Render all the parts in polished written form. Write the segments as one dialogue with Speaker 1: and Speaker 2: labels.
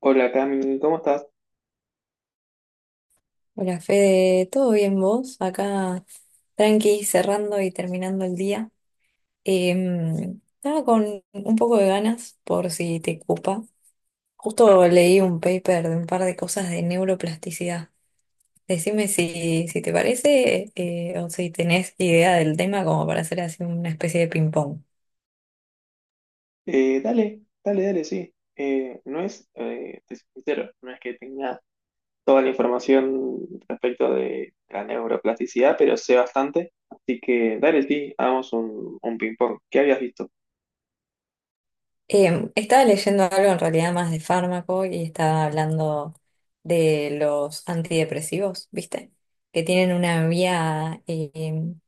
Speaker 1: Hola Cami, ¿cómo estás?
Speaker 2: Hola Fede, ¿todo bien vos? Acá tranqui, cerrando y terminando el día. Estaba con un poco de ganas, por si te ocupa. Justo leí un paper de un par de cosas de neuroplasticidad. Decime si te parece, o si tenés idea del tema como para hacer así una especie de ping-pong.
Speaker 1: Dale, sí. No es, te soy sincero, no es que tenga toda la información respecto de la neuroplasticidad, pero sé bastante. Así que dale, sí, hagamos un ping-pong. ¿Qué habías visto?
Speaker 2: Estaba leyendo algo en realidad más de fármaco y estaba hablando de los antidepresivos, ¿viste? Que tienen una vía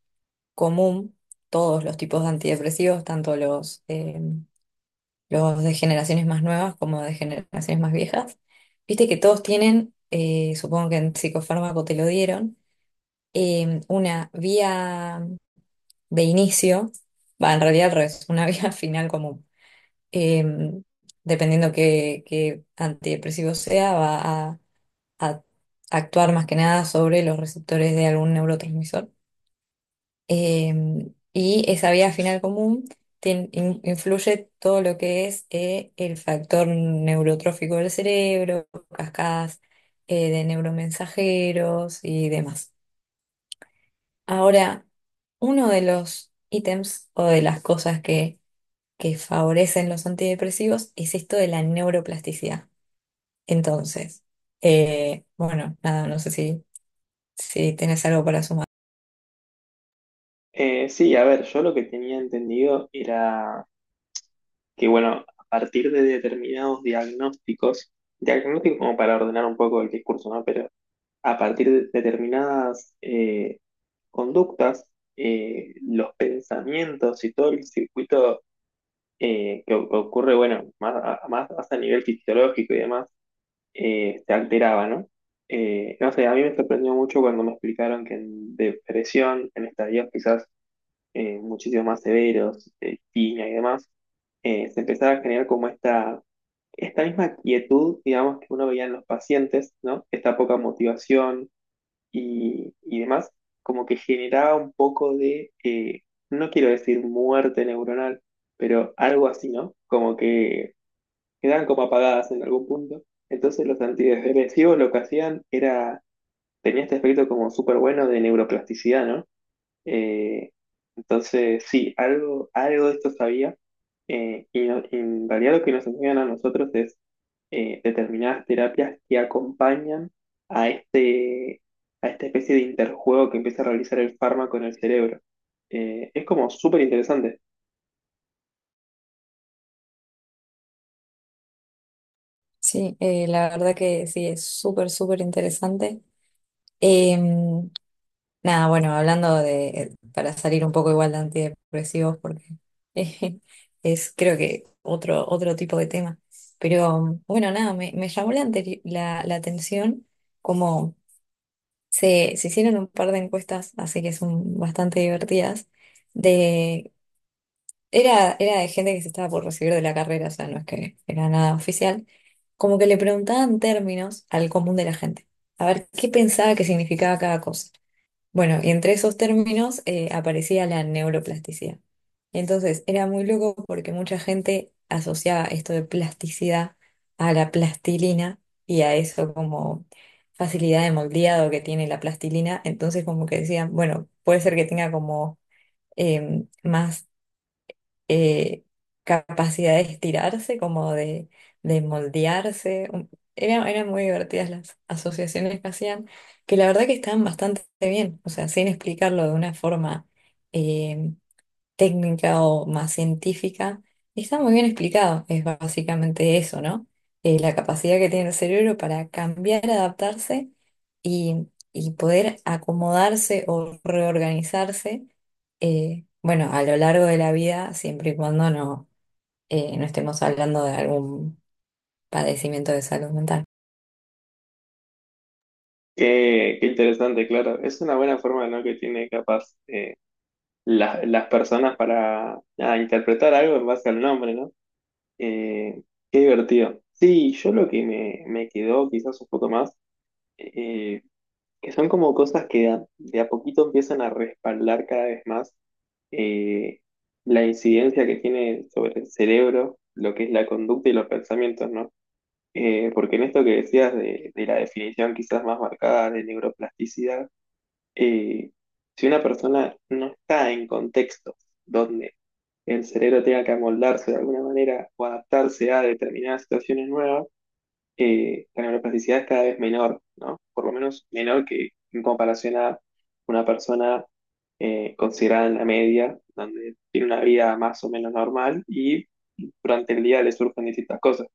Speaker 2: común, todos los tipos de antidepresivos, tanto los de generaciones más nuevas como de generaciones más viejas. Viste que todos tienen, supongo que en psicofármaco te lo dieron, una vía de inicio, va, en realidad al revés, una vía final común. Eh, dependiendo qué antidepresivo sea, va a a actuar más que nada sobre los receptores de algún neurotransmisor. Y esa vía final común influye todo lo que es el factor neurotrófico del cerebro, cascadas de neuromensajeros y demás. Ahora, uno de los ítems o de las cosas que favorecen los antidepresivos es esto de la neuroplasticidad. Entonces, bueno, nada, no sé si tenés algo para sumar.
Speaker 1: Sí, a ver, yo lo que tenía entendido era que, bueno, a partir de determinados diagnósticos, diagnósticos como para ordenar un poco el discurso, ¿no? Pero a partir de determinadas, conductas, los pensamientos y todo el circuito que ocurre, bueno, más hasta a nivel fisiológico y demás, se alteraba, ¿no? No sé, a mí me sorprendió mucho cuando me explicaron que en depresión, en estadios quizás muchísimo más severos, tiña y demás, se empezaba a generar como esta misma quietud, digamos, que uno veía en los pacientes, ¿no? Esta poca motivación y demás, como que generaba un poco de, no quiero decir muerte neuronal, pero algo así, ¿no? Como que quedaban como apagadas en algún punto. Entonces los antidepresivos lo que hacían era, tenía este aspecto como súper bueno de neuroplasticidad, ¿no? Eh, entonces, sí, algo, algo de esto sabía. Y no- Y en realidad lo que nos enseñan a nosotros es determinadas terapias que acompañan a este, a esta especie de interjuego que empieza a realizar el fármaco en el cerebro. Es como súper interesante.
Speaker 2: Sí, la verdad que sí, es súper, súper interesante. Em, Nada, bueno, hablando de, para salir un poco igual de antidepresivos, porque eh, es creo que otro, otro tipo de tema. Pero bueno, nada, me llamó la atención como se hicieron un par de encuestas, así que son bastante divertidas, de, era, era de gente que se estaba por recibir de la carrera, o sea, no es que era nada oficial, como que le preguntaban términos al común de la gente, a ver qué pensaba que significaba cada cosa. Bueno, y entre esos términos aparecía la neuroplasticidad. Entonces, era muy loco porque mucha gente asociaba esto de plasticidad a la plastilina y a eso como facilidad de moldeado que tiene la plastilina. Entonces, como que decían, bueno, puede ser que tenga como más eh, capacidad de estirarse, como de moldearse. Era, eran muy divertidas las asociaciones que hacían, que la verdad que estaban bastante bien, o sea, sin explicarlo de una forma eh, técnica o más científica, y está muy bien explicado. Es básicamente eso, ¿no? La capacidad que tiene el cerebro para cambiar, adaptarse y, y poder acomodarse o reorganizarse, bueno, a lo largo de la vida, siempre y cuando no, no estemos hablando de algún padecimiento de salud mental.
Speaker 1: Qué, qué interesante, claro. Es una buena forma, ¿no? que tiene capaz las personas para nada, interpretar algo en base al nombre, ¿no? Eh, Qué divertido. Sí, yo lo que me quedó quizás un poco más, eh, que son como cosas que de a poquito empiezan a respaldar cada vez más eh, la incidencia que tiene sobre el cerebro, lo que es la conducta y los pensamientos, ¿no? Porque en esto que decías de la definición quizás más marcada de neuroplasticidad, eh, si una persona no está en contextos donde el cerebro tenga que amoldarse de alguna manera o adaptarse a determinadas situaciones nuevas, la neuroplasticidad es cada vez menor, ¿no? Por lo menos menor que en comparación a una persona considerada en la media, donde tiene una vida más o menos normal y durante el día le surgen distintas cosas.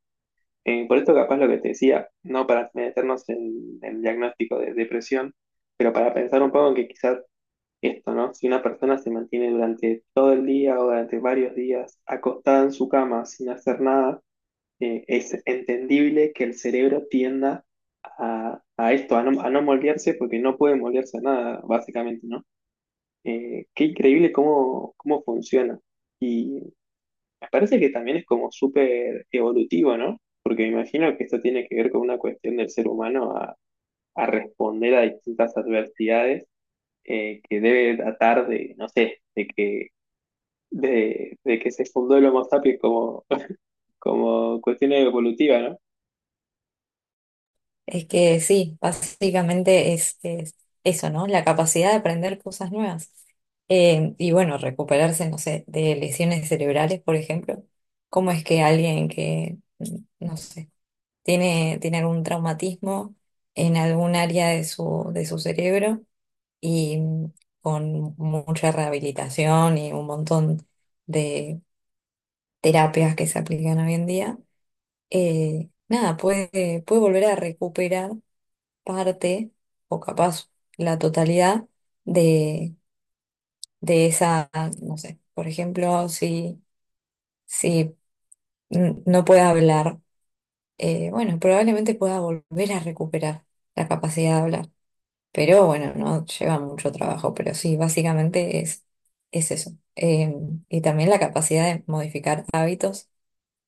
Speaker 1: Por esto capaz lo que te decía, no para meternos en el diagnóstico de depresión, pero para pensar un poco en que quizás esto, ¿no? Si una persona se mantiene durante todo el día o durante varios días acostada en su cama sin hacer nada, es entendible que el cerebro tienda a esto, a no moldearse porque no puede moldearse a nada, básicamente, ¿no? Qué increíble cómo, cómo funciona. Y me parece que también es como súper evolutivo, ¿no? Porque me imagino que esto tiene que ver con una cuestión del ser humano a responder a distintas adversidades que debe datar de, no sé, de que se fundó el Homo sapiens como, como cuestión evolutiva, ¿no?
Speaker 2: Es que sí, básicamente es eso, ¿no? La capacidad de aprender cosas nuevas. Y bueno, recuperarse, no sé, de lesiones cerebrales, por ejemplo. ¿Cómo es que alguien que, no sé, tiene, tiene algún traumatismo en algún área de su cerebro y con mucha rehabilitación y un montón de terapias que se aplican hoy en día, nada, puede, puede volver a recuperar parte o capaz la totalidad de, de esa, no sé, por ejemplo, si no puede hablar, bueno, probablemente pueda volver a recuperar la capacidad de hablar, pero bueno, no lleva mucho trabajo, pero sí, básicamente es eso. Y también la capacidad de modificar hábitos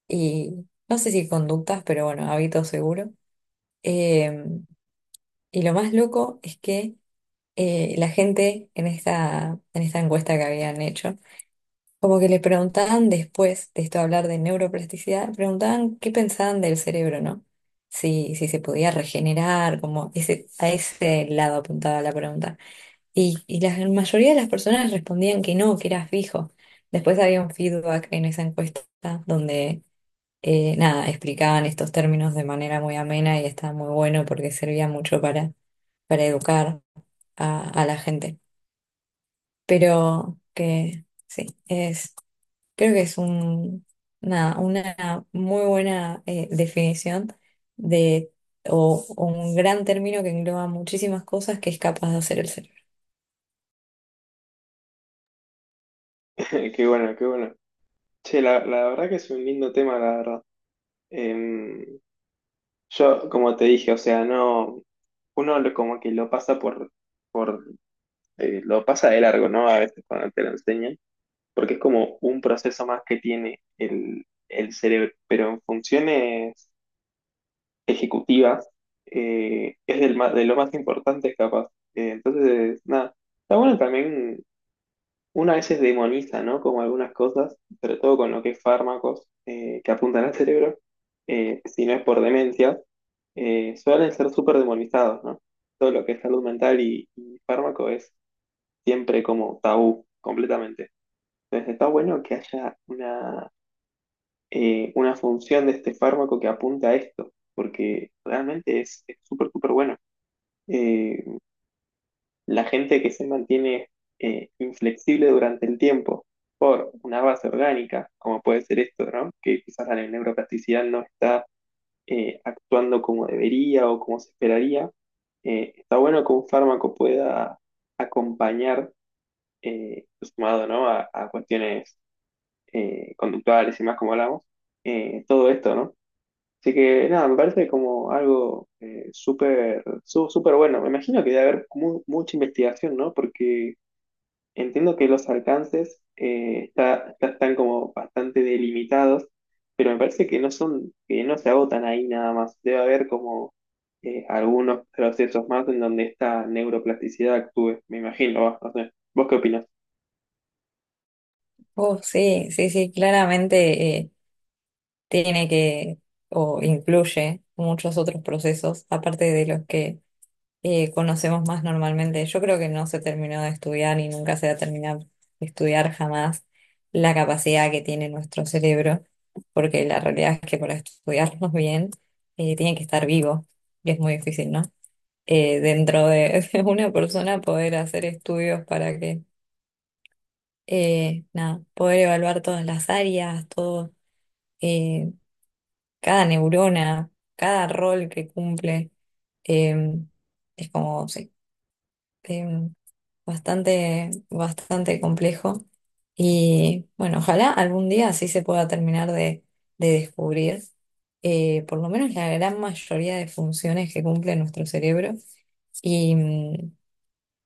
Speaker 2: y no sé si conductas, pero bueno, hábitos seguro. Eh, y lo más loco es que la gente en esta encuesta que habían hecho, como que le preguntaban después de esto hablar de neuroplasticidad, preguntaban qué pensaban del cerebro, ¿no? Si se podía regenerar, como ese, a ese lado apuntaba la pregunta. Y la mayoría de las personas respondían que no, que era fijo. Después había un feedback en esa encuesta donde, nada, explicaban estos términos de manera muy amena y estaba muy bueno porque servía mucho para educar a la gente, pero que sí, es, creo que es un, una muy buena definición de, o un gran término que engloba muchísimas cosas que es capaz de hacer el cerebro.
Speaker 1: Qué bueno, qué bueno. Che, la verdad que es un lindo tema, la verdad. Em, yo, como te dije, o sea, no, como que lo pasa por, por lo pasa de largo, ¿no? A veces cuando te lo enseñan, porque es como un proceso más que tiene el cerebro, pero en funciones ejecutivas, es de lo más importante capaz. Entonces, nada, está bueno también, una vez veces demoniza, ¿no? Como algunas cosas, sobre todo con lo que es fármacos que apuntan al cerebro, si no es por demencia, suelen ser súper demonizados, ¿no? Todo lo que es salud mental y fármaco es siempre como tabú, completamente. Entonces, está bueno que haya una función de este fármaco que apunta a esto, porque realmente es súper, súper bueno. Eh, la gente que se mantiene inflexible durante el tiempo por una base orgánica, como puede ser esto, ¿no? que quizás la neuroplasticidad no está actuando como debería o como se esperaría, está bueno que un fármaco pueda acompañar, sumado ¿no? A cuestiones conductuales y más como hablamos, todo esto, ¿no? Así que nada, me parece como algo súper súper bueno. Me imagino que debe haber mucha investigación, ¿no? Porque entiendo que los alcances eh, están como bastante delimitados, pero me parece que no son, que no se agotan ahí nada más. Debe haber como algunos procesos más en donde esta neuroplasticidad actúe. Me imagino, va, no sé. ¿Vos qué opinas?
Speaker 2: Oh, sí, sí, sí, claramente tiene que, o incluye muchos otros procesos, aparte de los que conocemos más normalmente. Yo creo que no se terminó de estudiar y nunca se va a terminar de estudiar jamás la capacidad que tiene nuestro cerebro, porque la realidad es que para estudiarnos bien tiene que estar vivo y es muy difícil, ¿no? Dentro de, de una persona poder hacer estudios para que, nada, poder evaluar todas las áreas, todo, eh, cada neurona, cada rol que cumple. em, es como, sí. em, Bastante, bastante complejo. Y bueno, ojalá algún día así se pueda terminar de descubrir por lo menos la gran mayoría de funciones que cumple nuestro cerebro y,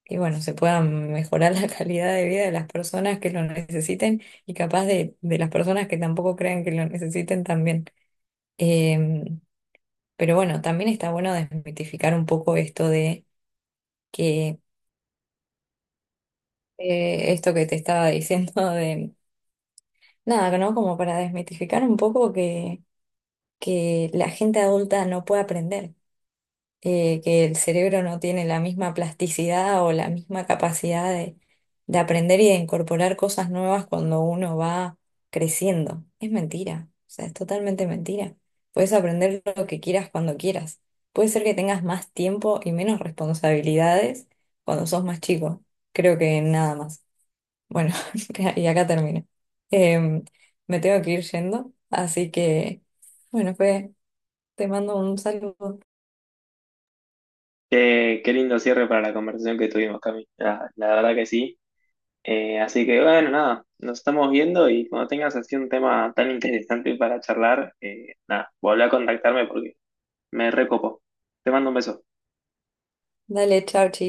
Speaker 2: y bueno, se pueda mejorar la calidad de vida de las personas que lo necesiten y capaz de las personas que tampoco crean que lo necesiten también. Em, pero bueno, también está bueno desmitificar un poco esto de que esto que te estaba diciendo de nada, ¿no? Como para desmitificar un poco que la gente adulta no puede aprender, que el cerebro no tiene la misma plasticidad o la misma capacidad de aprender y de incorporar cosas nuevas cuando uno va creciendo. Es mentira, o sea, es totalmente mentira. Puedes aprender lo que quieras cuando quieras. Puede ser que tengas más tiempo y menos responsabilidades cuando sos más chico. Creo que nada más. Bueno, y acá termino. Em, Me tengo que ir yendo, así que, bueno, pues te mando un saludo.
Speaker 1: Qué lindo cierre para la conversación que tuvimos, Cami. La verdad que sí. Así que bueno, nada, nos estamos viendo y cuando tengas así un tema tan interesante para charlar, nada, volví a contactarme porque me recopo. Te mando un beso.
Speaker 2: Dale, chao, chi.